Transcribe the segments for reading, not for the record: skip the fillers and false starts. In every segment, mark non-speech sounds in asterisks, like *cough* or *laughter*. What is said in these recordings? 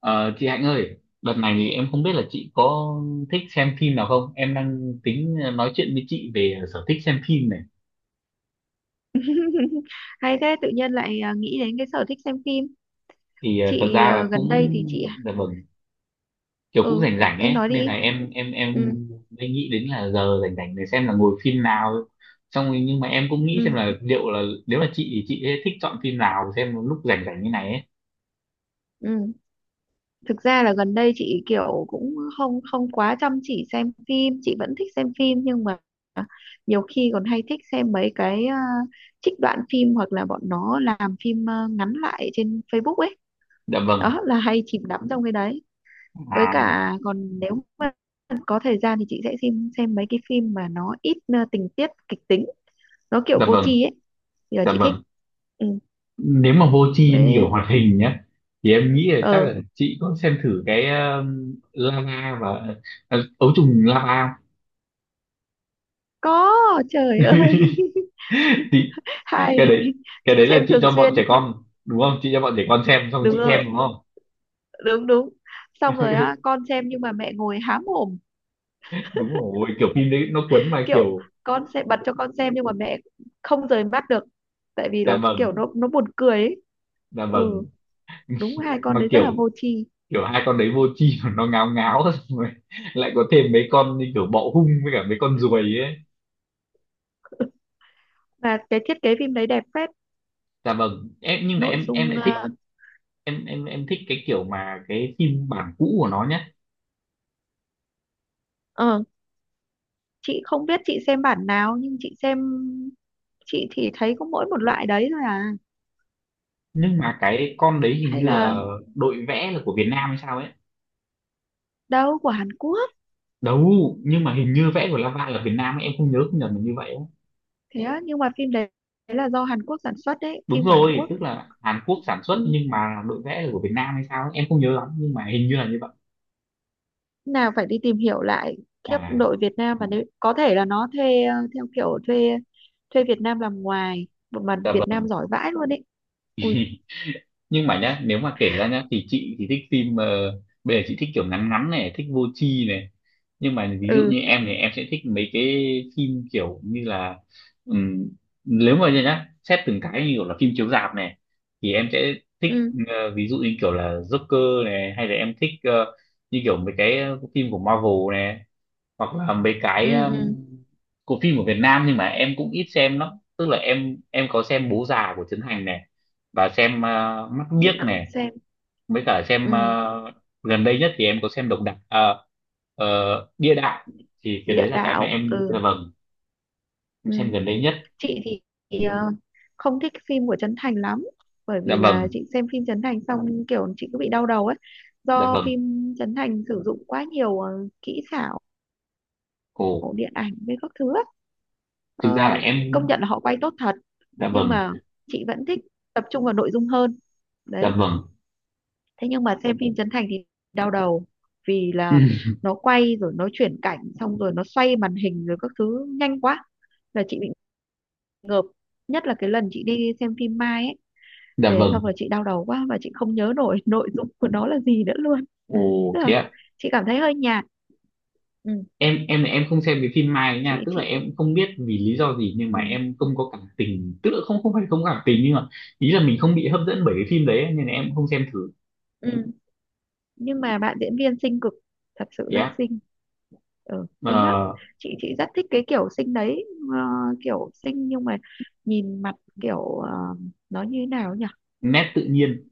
Ờ, chị Hạnh ơi, đợt này thì em không biết là chị có thích xem phim nào không? Em đang tính nói chuyện với chị về sở thích xem phim này. *laughs* Hay thế, tự nhiên lại à, nghĩ đến cái sở thích xem phim. Thì thật Chị ra à, là gần cũng đây thì chị à, dạ vâng, kiểu cũng ừ, rảnh rảnh em ấy, nói nên là đi. em Ừ. mới nghĩ đến là giờ rảnh rảnh để xem là ngồi phim nào. Xong rồi nhưng mà em cũng nghĩ xem Ừ. là liệu là nếu là chị thì chị sẽ thích chọn phim nào xem lúc rảnh rảnh như này ấy. Ừ. Thực ra là gần đây chị kiểu cũng không không quá chăm chỉ xem phim, chị vẫn thích xem phim nhưng mà nhiều khi còn hay thích xem mấy cái à, trích đoạn phim hoặc là bọn nó làm phim à, ngắn lại trên Facebook ấy, Dạ vâng. đó là hay chìm đắm trong cái đấy. Với À, cả còn nếu mà có thời gian thì chị sẽ xem mấy cái phim mà nó ít tình tiết kịch tính, nó kiểu dạ vô vâng, tri ấy thì là dạ chị thích. vâng. Ừ. Nếu mà vô tri nhiều Với, hoạt hình nhé thì em nghĩ là chắc ờ là chị có xem thử cái lava và ấu trùng lava không? có. Trời ơi! *laughs* *laughs* Chị, Hay. cái đấy, cái Chị đấy là xem chị thường cho bọn xuyên. trẻ con đúng không, chị cho bọn trẻ con xem xong Đúng chị xem rồi, đúng không? đúng đúng. Xong rồi á, *laughs* con xem nhưng mà mẹ ngồi há mồm, Đúng rồi, kiểu phim đấy nó cuốn mà kiểu kiểu con sẽ bật cho con xem nhưng mà mẹ không rời mắt được, tại vì dạ là kiểu vâng, nó buồn cười ấy. dạ Ừ, vâng, đúng, hai con mà đấy rất kiểu, là vô tri kiểu hai con đấy vô tri *laughs* mà nó ngáo ngáo *laughs* xong rồi lại có thêm mấy con như kiểu bọ hung với cả mấy con ruồi ấy. mà cái thiết kế phim đấy đẹp phết, Dạ vâng, em nhưng mà nội em dung lại thích, vâng. em thích cái kiểu mà cái phim bản cũ của nó nhá. ờ, chị không biết chị xem bản nào nhưng chị xem, chị thì thấy có mỗi một loại đấy thôi à, Nhưng mà cái con đấy hình hay như là là đội vẽ là của Việt Nam hay sao ấy. đâu, của Hàn Quốc. Đâu, nhưng mà hình như vẽ của Lava là Việt Nam ấy. Em không nhớ không nhầm là như vậy ấy. Thế á, nhưng mà phim đấy, đấy là do Hàn Quốc sản xuất đấy, Đúng phim của Hàn rồi, Quốc. tức là Hàn Quốc sản xuất Ừ. nhưng mà đội vẽ là của Việt Nam hay sao ấy. Em không nhớ lắm nhưng mà hình như là như vậy. Nào, phải đi tìm hiểu lại, kiếp À đội Việt Nam, và nếu có thể là nó thuê theo kiểu thuê thuê Việt Nam làm ngoài, một mặt dạ Việt vâng. Nam giỏi vãi luôn đấy. Ui. Nhưng mà nhá, nếu mà kể ra nhá thì chị thì thích phim bây giờ chị thích kiểu ngắn ngắn này, thích vô tri này, nhưng mà ví dụ Ừ. như em thì em sẽ thích mấy cái phim kiểu như là ừm, nếu mà nhá xét từng cái như kiểu là phim chiếu rạp này thì em sẽ thích, Ừ. Ví dụ như kiểu là Joker này, hay là em thích như kiểu mấy cái phim của Marvel này, hoặc là mấy cái Ừ. Ừ. của phim của Việt Nam nhưng mà em cũng ít xem lắm. Tức là em có xem Bố Già của Trấn Thành này, và xem Mắt Biếc Chị không này, xem. với cả xem Ừ, gần đây nhất thì em có xem độc đắc ờ, địa đạo, thì cái địa đấy là cái mà đạo. em dạ Ừ. vâng em Ừ. xem gần đây nhất. Chị thì, ờ, không thích phim của Trấn Thành lắm, bởi Dạ vì là vâng, chị xem phim Trấn Thành xong kiểu chị cứ bị đau đầu ấy, dạ do vâng, phim Trấn Thành sử dụng quá nhiều kỹ xảo ồ, điện ảnh với các thứ ấy. thực ra là Ờ, em công nhận là họ quay tốt thật dạ nhưng vâng, mà chị vẫn thích tập trung vào nội dung hơn dạ đấy. vâng. Thế nhưng mà xem phim Trấn Thành thì đau đầu, vì *clears throat* là Ừ, nó quay rồi nó chuyển cảnh xong rồi nó xoay màn hình rồi các thứ nhanh quá là chị bị ngợp. Nhất là cái lần chị đi xem phim Mai ấy, dạ về vâng, xong rồi chị đau đầu quá và chị không nhớ nổi *laughs* nội dung của nó là gì nữa luôn, ồ, tức thế là ạ. chị cảm thấy hơi nhạt. Ừ, Em không xem cái phim Mai ấy nha, chị tức là chị em cũng không biết vì lý do gì nhưng mà Ừ. em không có cảm tình, tức là không, không phải không có cảm tình nhưng mà ý là mình không bị hấp dẫn bởi cái phim đấy nên là em cũng không xem thử. Ừ. Nhưng mà bạn diễn viên xinh cực, thật sự rất Yeah. xinh. Ừ, xinh lắm, chị rất thích cái kiểu xinh đấy. ờ, Kiểu xinh nhưng mà nhìn mặt kiểu nó như thế nào nhỉ. Nét tự nhiên.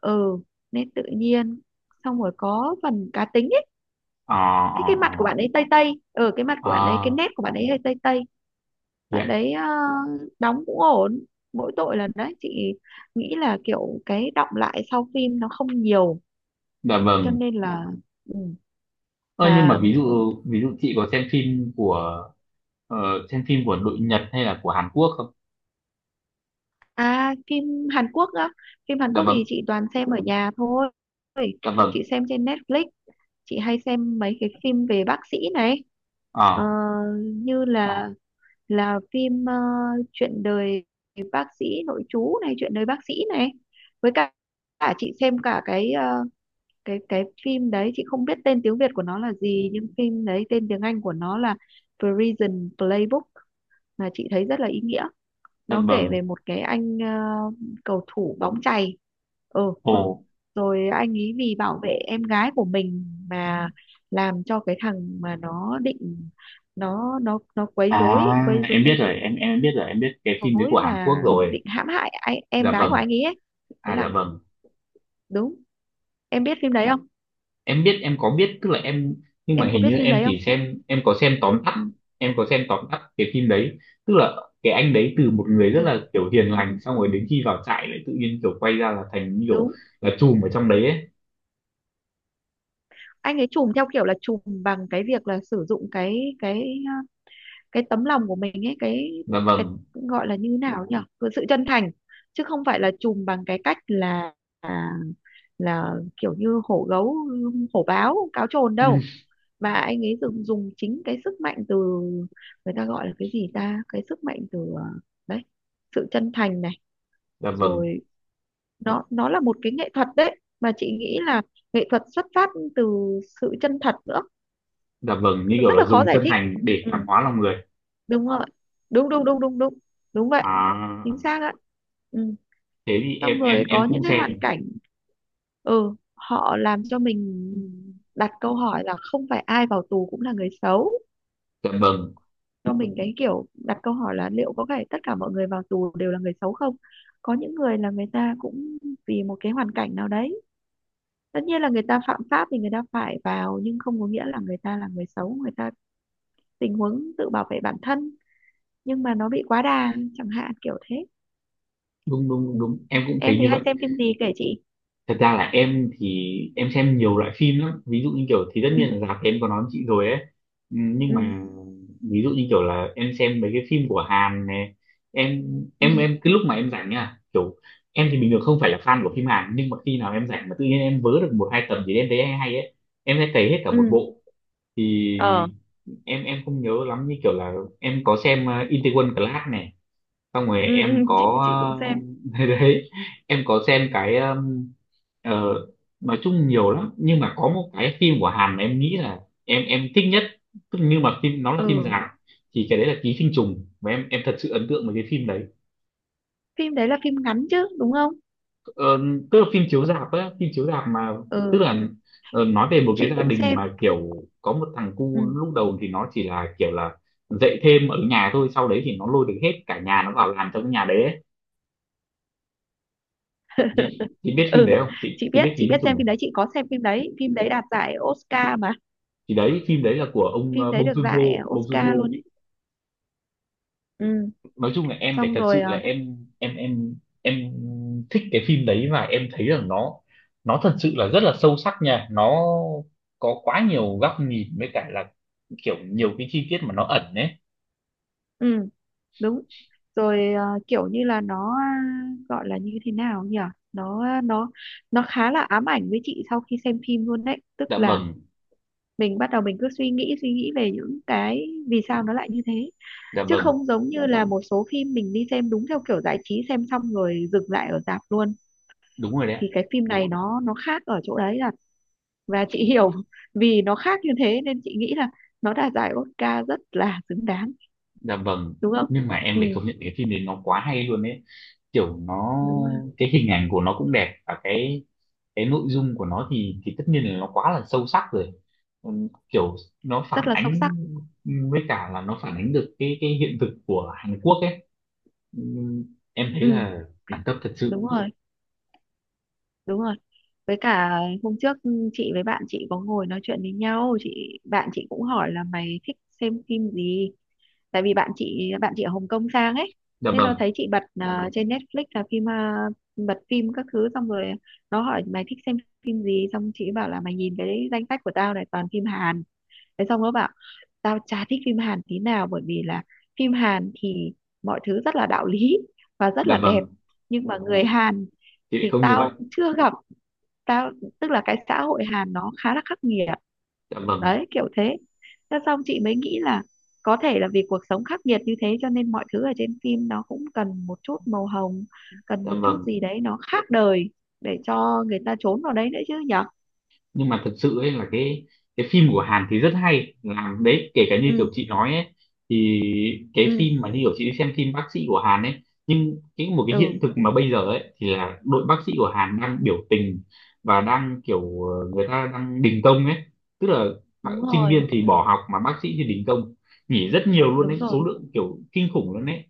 Ừ, nên tự nhiên xong rồi có phần cá tính ấy. Ờ cái ờ cái ờ. mặt của bạn ấy tây tây. Ừ, cái mặt của bạn ấy, cái Ờ, nét của bạn ấy hơi tây tây. Bạn dạ. đấy đóng cũng ổn, mỗi tội là đấy chị nghĩ là kiểu cái đọng lại sau phim nó không nhiều, Dạ cho vâng. nên là. Ừ. Ơ, nhưng mà Mà ví dụ, ví dụ chị có xem phim của ờ, xem phim của đội Nhật hay là của Hàn Quốc không? à, phim Hàn Quốc á, phim Hàn Dạ Quốc vâng. thì chị toàn xem ở nhà thôi, Dạ chị vâng. xem trên Netflix. Chị hay xem mấy cái phim về bác sĩ này. Ờ, Ờ, như là phim chuyện đời bác sĩ nội trú này, chuyện đời bác sĩ này. Với cả chị xem cả cái cái phim đấy, chị không biết tên tiếng Việt của nó là gì nhưng phim đấy tên tiếng Anh của nó là Prison Playbook, mà chị thấy rất là ý nghĩa. dạ Nó kể vâng. về một cái anh cầu thủ bóng chày. Ừ, Ồ. rồi anh ấy vì bảo vệ em gái của mình mà làm cho cái thằng mà nó định nó quấy rối, À, em biết rồi, em biết rồi, em biết cái phim đấy của Hàn và Quốc rồi. định hãm hại anh, em Dạ gái của vâng. anh ấy ấy, thế À dạ là vâng. đúng. Em biết phim đấy không? Em biết, em có biết, tức là em nhưng mà Em có hình biết như phim em đấy không? chỉ xem em có xem tóm Ừ, tắt, em có xem tóm tắt cái phim đấy. Tức là cái anh đấy từ một người đúng rất rồi. là kiểu hiền Ừ, lành xong rồi đến khi vào trại lại tự nhiên kiểu quay ra là thành như kiểu đúng. là trùm ở trong đấy ấy. Anh ấy trùm theo kiểu là trùm bằng cái việc là sử dụng cái tấm lòng của mình ấy, cái Dạ cái vâng. gọi là như thế nào nhỉ, cái sự chân thành, chứ không phải là trùm bằng cái cách là là, là kiểu như hổ gấu, hổ báo cáo trồn Ừ, đâu, mà anh ấy dùng dùng chính cái sức mạnh từ, người ta gọi là cái gì ta, cái sức mạnh từ đấy, sự chân thành này dạ vâng, rồi, nó là một cái nghệ thuật đấy mà chị nghĩ là nghệ thuật xuất phát từ sự chân thật nữa. dạ vâng, như kiểu Rất là là khó dùng giải chân thích. thành để Ừ, cảm hóa lòng người. đúng rồi, đúng đúng đúng đúng đúng, đúng vậy, chính À, xác ạ. Ừ. thế thì em Xong rồi em có em những cũng cái xem. hoàn cảnh, ừ, họ làm cho mình Ừ. đặt câu hỏi là không phải ai vào tù cũng là người xấu, Dạ vâng, cho mình cái kiểu đặt câu hỏi là liệu có phải tất cả mọi người vào tù đều là người xấu không. Có những người là người ta cũng vì một cái hoàn cảnh nào đấy, tất nhiên là người ta phạm pháp thì người ta phải vào, nhưng không có nghĩa là người ta là người xấu, người ta tình huống tự bảo vệ bản thân nhưng mà nó bị quá đà chẳng hạn, kiểu thế. đúng đúng đúng Ừ. đúng. Em cũng Em thấy như thì vậy. hay xem phim gì kể chị. Thật ra là em thì em xem nhiều loại phim lắm, ví dụ như kiểu thì tất Ừ. nhiên là rạp thì em có nói với chị rồi ấy. Ừ, nhưng Ừ. mà ví dụ như kiểu là em xem mấy cái phim của Hàn này, em Ừ. em cái lúc mà em rảnh nha, kiểu em thì bình thường không phải là fan của phim Hàn nhưng mà khi nào em rảnh mà tự nhiên em vớ được một hai tập gì em thấy hay hay ấy em sẽ cày hết cả một Ừ. bộ. Ờ. Thì em không nhớ lắm như kiểu là em có xem Itaewon Class này, xong rồi Ừ, ừ. em chị có chị cũng xem. *laughs* Đấy em có xem cái ờ, nói chung nhiều lắm nhưng mà có một cái phim của Hàn mà em nghĩ là em thích nhất, tức nhưng mà phim nó là phim Ừ, dài, thì cái đấy là Ký sinh trùng và em thật sự ấn tượng với cái phim đấy. phim đấy là phim ngắn chứ đúng không. Ờ, tức là phim chiếu rạp á, phim chiếu rạp mà, tức Ừ, là nói về một cái chị gia cũng đình xem. mà kiểu có một thằng Ừ. cu lúc đầu thì nó chỉ là kiểu là dạy thêm ở nhà thôi, sau đấy thì nó lôi được hết cả nhà nó vào làm trong cái nhà đấy ấy. Chị, chị *laughs* chị biết phim đấy Ừ, không, chị chị biết chị ký sinh biết trùng xem này, phim đấy, chị có xem phim đấy, phim đấy đạt giải Oscar mà, thì đấy phim đấy là của ông phim đấy Bong được giải Joon-ho, Bong Oscar luôn Joon-ho. ấy. Ừ. Nói chung là em phải Xong thật rồi sự là em em thích cái phim đấy và em thấy rằng nó thật sự là rất là sâu sắc nha, nó có quá nhiều góc nhìn với cả là kiểu nhiều cái chi tiết mà nó ẩn ấy. ừ, đúng rồi. Ờ, Kiểu như là nó à, gọi là như thế nào nhỉ, nó nó khá là ám ảnh với chị sau khi xem phim luôn đấy, tức Dạ là vâng, mình bắt đầu mình cứ suy nghĩ về những cái vì sao nó lại như thế, dạ chứ vâng, không giống như là một số phim mình đi xem đúng theo kiểu giải trí, xem xong rồi dừng lại ở rạp luôn. đúng rồi đấy ạ. Thì cái phim này nó khác ở chỗ đấy là và chị hiểu *laughs* vì nó khác như thế nên chị nghĩ là nó đạt giải Oscar rất là xứng đáng, Dạ vâng, đúng không. nhưng mà em Ừ, phải công nhận cái phim đấy nó quá hay luôn ấy, kiểu nó, đúng rồi. cái hình ảnh của nó cũng đẹp và cái nội dung của nó thì tất nhiên là nó quá là sâu sắc rồi. Kiểu nó Rất phản là sâu sắc. ánh, với cả là nó phản ánh được cái hiện thực của Hàn Quốc ấy. Ừm, em thấy Ừ, là đẳng cấp thật sự. đúng rồi, đúng rồi. Với cả hôm trước chị với bạn chị có ngồi nói chuyện với nhau, chị bạn chị cũng hỏi là mày thích xem phim gì, tại vì bạn chị ở Hồng Kông sang ấy. Dạ Thế nó vâng, thấy chị bật à, trên Netflix là phim à, bật phim các thứ xong rồi nó hỏi mày thích xem phim gì, xong chị bảo là mày nhìn cái danh sách của tao này toàn phim Hàn. Thế xong nó bảo tao chả thích phim Hàn tí nào bởi vì là phim Hàn thì mọi thứ rất là đạo lý và rất dạ là đẹp, vâng, nhưng mà người Hàn chị lại thì không như vậy. tao chưa gặp, tao, tức là cái xã hội Hàn nó khá là khắc nghiệt Dạ vâng, đấy kiểu thế. Thế xong chị mới nghĩ là có thể là vì cuộc sống khắc nghiệt như thế cho nên mọi thứ ở trên phim nó cũng cần một chút màu hồng, cần dạ một chút vâng, gì đấy nó khác đời, để cho người ta trốn vào đấy nữa chứ nhở. nhưng mà thật sự ấy là cái phim của Hàn thì rất hay làm đấy, kể cả như Ừ. kiểu chị nói ấy, thì cái Ừ. phim mà như kiểu chị đi xem phim bác sĩ của Hàn ấy, nhưng cái một cái hiện Ừ. thực mà bây giờ ấy thì là đội bác sĩ của Hàn đang biểu tình và đang kiểu người ta đang đình công ấy, tức là họ- Đúng sinh rồi, viên thì bỏ học mà bác sĩ thì đình công, nghỉ rất nhiều luôn đấy, đúng rồi. số lượng kiểu kinh khủng luôn đấy.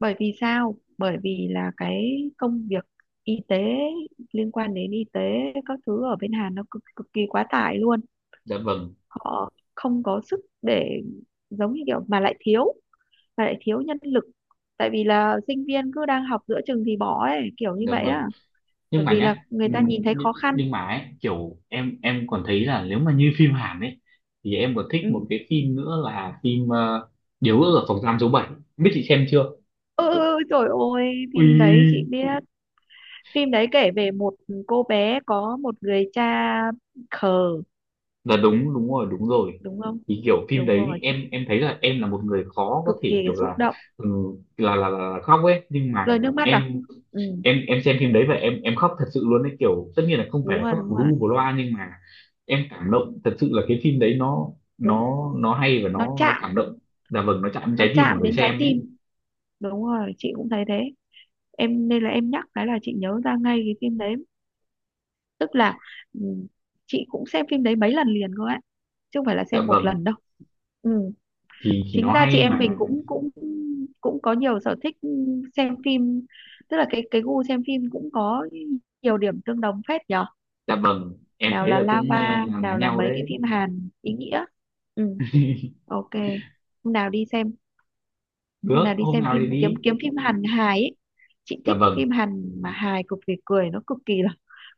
Bởi vì sao, bởi vì là cái công việc y tế, liên quan đến y tế, các thứ ở bên Hàn nó cực cực kỳ quá tải luôn, Dạ vâng, họ không có sức để, giống như kiểu mà lại thiếu nhân lực, tại vì là sinh viên cứ đang học giữa chừng thì bỏ ấy, kiểu như dạ vậy á, vâng, nhưng bởi mà vì là nhá người ta nhìn thấy khó khăn. nhưng mà ấy, kiểu em còn thấy là nếu mà như *laughs* phim Hàn ấy thì em còn thích một Ừ. cái phim nữa là phim Điều ước ở phòng giam số 7, biết chị xem chưa, Ừ, ừ, trời ơi, phim đấy chị ui, biết. Phim đấy kể về một cô bé có một người cha khờ, là đúng, đúng rồi đúng rồi, đúng không? thì kiểu phim Đúng đấy rồi, em chị em thấy là em là một người khó cực có thể kỳ kiểu xúc là, động, ừ, là khóc ấy nhưng rơi mà nước mắt à. em, Ừ, em xem phim đấy và em khóc thật sự luôn ấy, kiểu tất nhiên là không phải đúng là rồi, khóc đúng bù rồi, lu bù loa nhưng mà em cảm động thật sự là cái phim đấy, nó đúng, nó nó hay và nó nó chạm cảm động. Dạ vâng, nó chạm đến nó trái tim của chạm người đến trái xem ấy. tim. Đúng rồi, chị cũng thấy thế, em nên là em nhắc cái là chị nhớ ra ngay cái phim đấy, tức là, ừ, chị cũng xem phim đấy mấy lần liền cơ ấy, chứ không phải là Dạ xem một vâng, lần đâu. Ừ. Thì Chính nó ra chị hay em mà. mình cũng cũng cũng có nhiều sở thích xem phim, tức là cái gu xem phim cũng có nhiều điểm tương đồng phết nhở, Dạ vâng em nào thấy là là cũng Lava, là lá nào là nhau mấy cái đấy. phim Hàn ý nghĩa. Ừ, *laughs* ok. hôm nào đi xem hôm nào Được đi hôm xem nào thì phim, kiếm đi. kiếm phim Hàn hài ấy, chị Dạ thích vâng, phim Hàn mà hài, cực kỳ cười, nó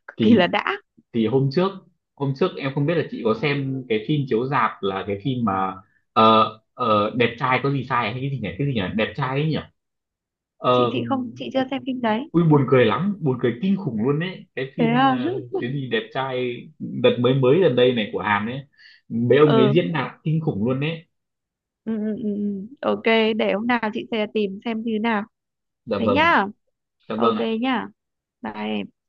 cực kỳ thì là đã. thì hôm trước, hôm trước em không biết là chị có xem cái phim chiếu rạp là cái phim mà đẹp trai có gì sai hay cái gì nhỉ, cái gì nhỉ, đẹp trai ấy nhỉ. Ờ, Chị không, chị chưa xem phim đấy. ui buồn cười lắm, buồn cười kinh khủng luôn đấy cái Thế phim à. Cái gì đẹp trai đợt mới, mới gần đây này của Hàn ấy, mấy ông ấy *laughs* Ừ. diễn đạt kinh khủng luôn đấy. Ừ. Ừ. Ừ, ừ. Ok, để hôm nào chị sẽ tìm xem như nào. Dạ Thế vâng, nhá. dạ Ok. vâng ạ. Nhá. Bye em.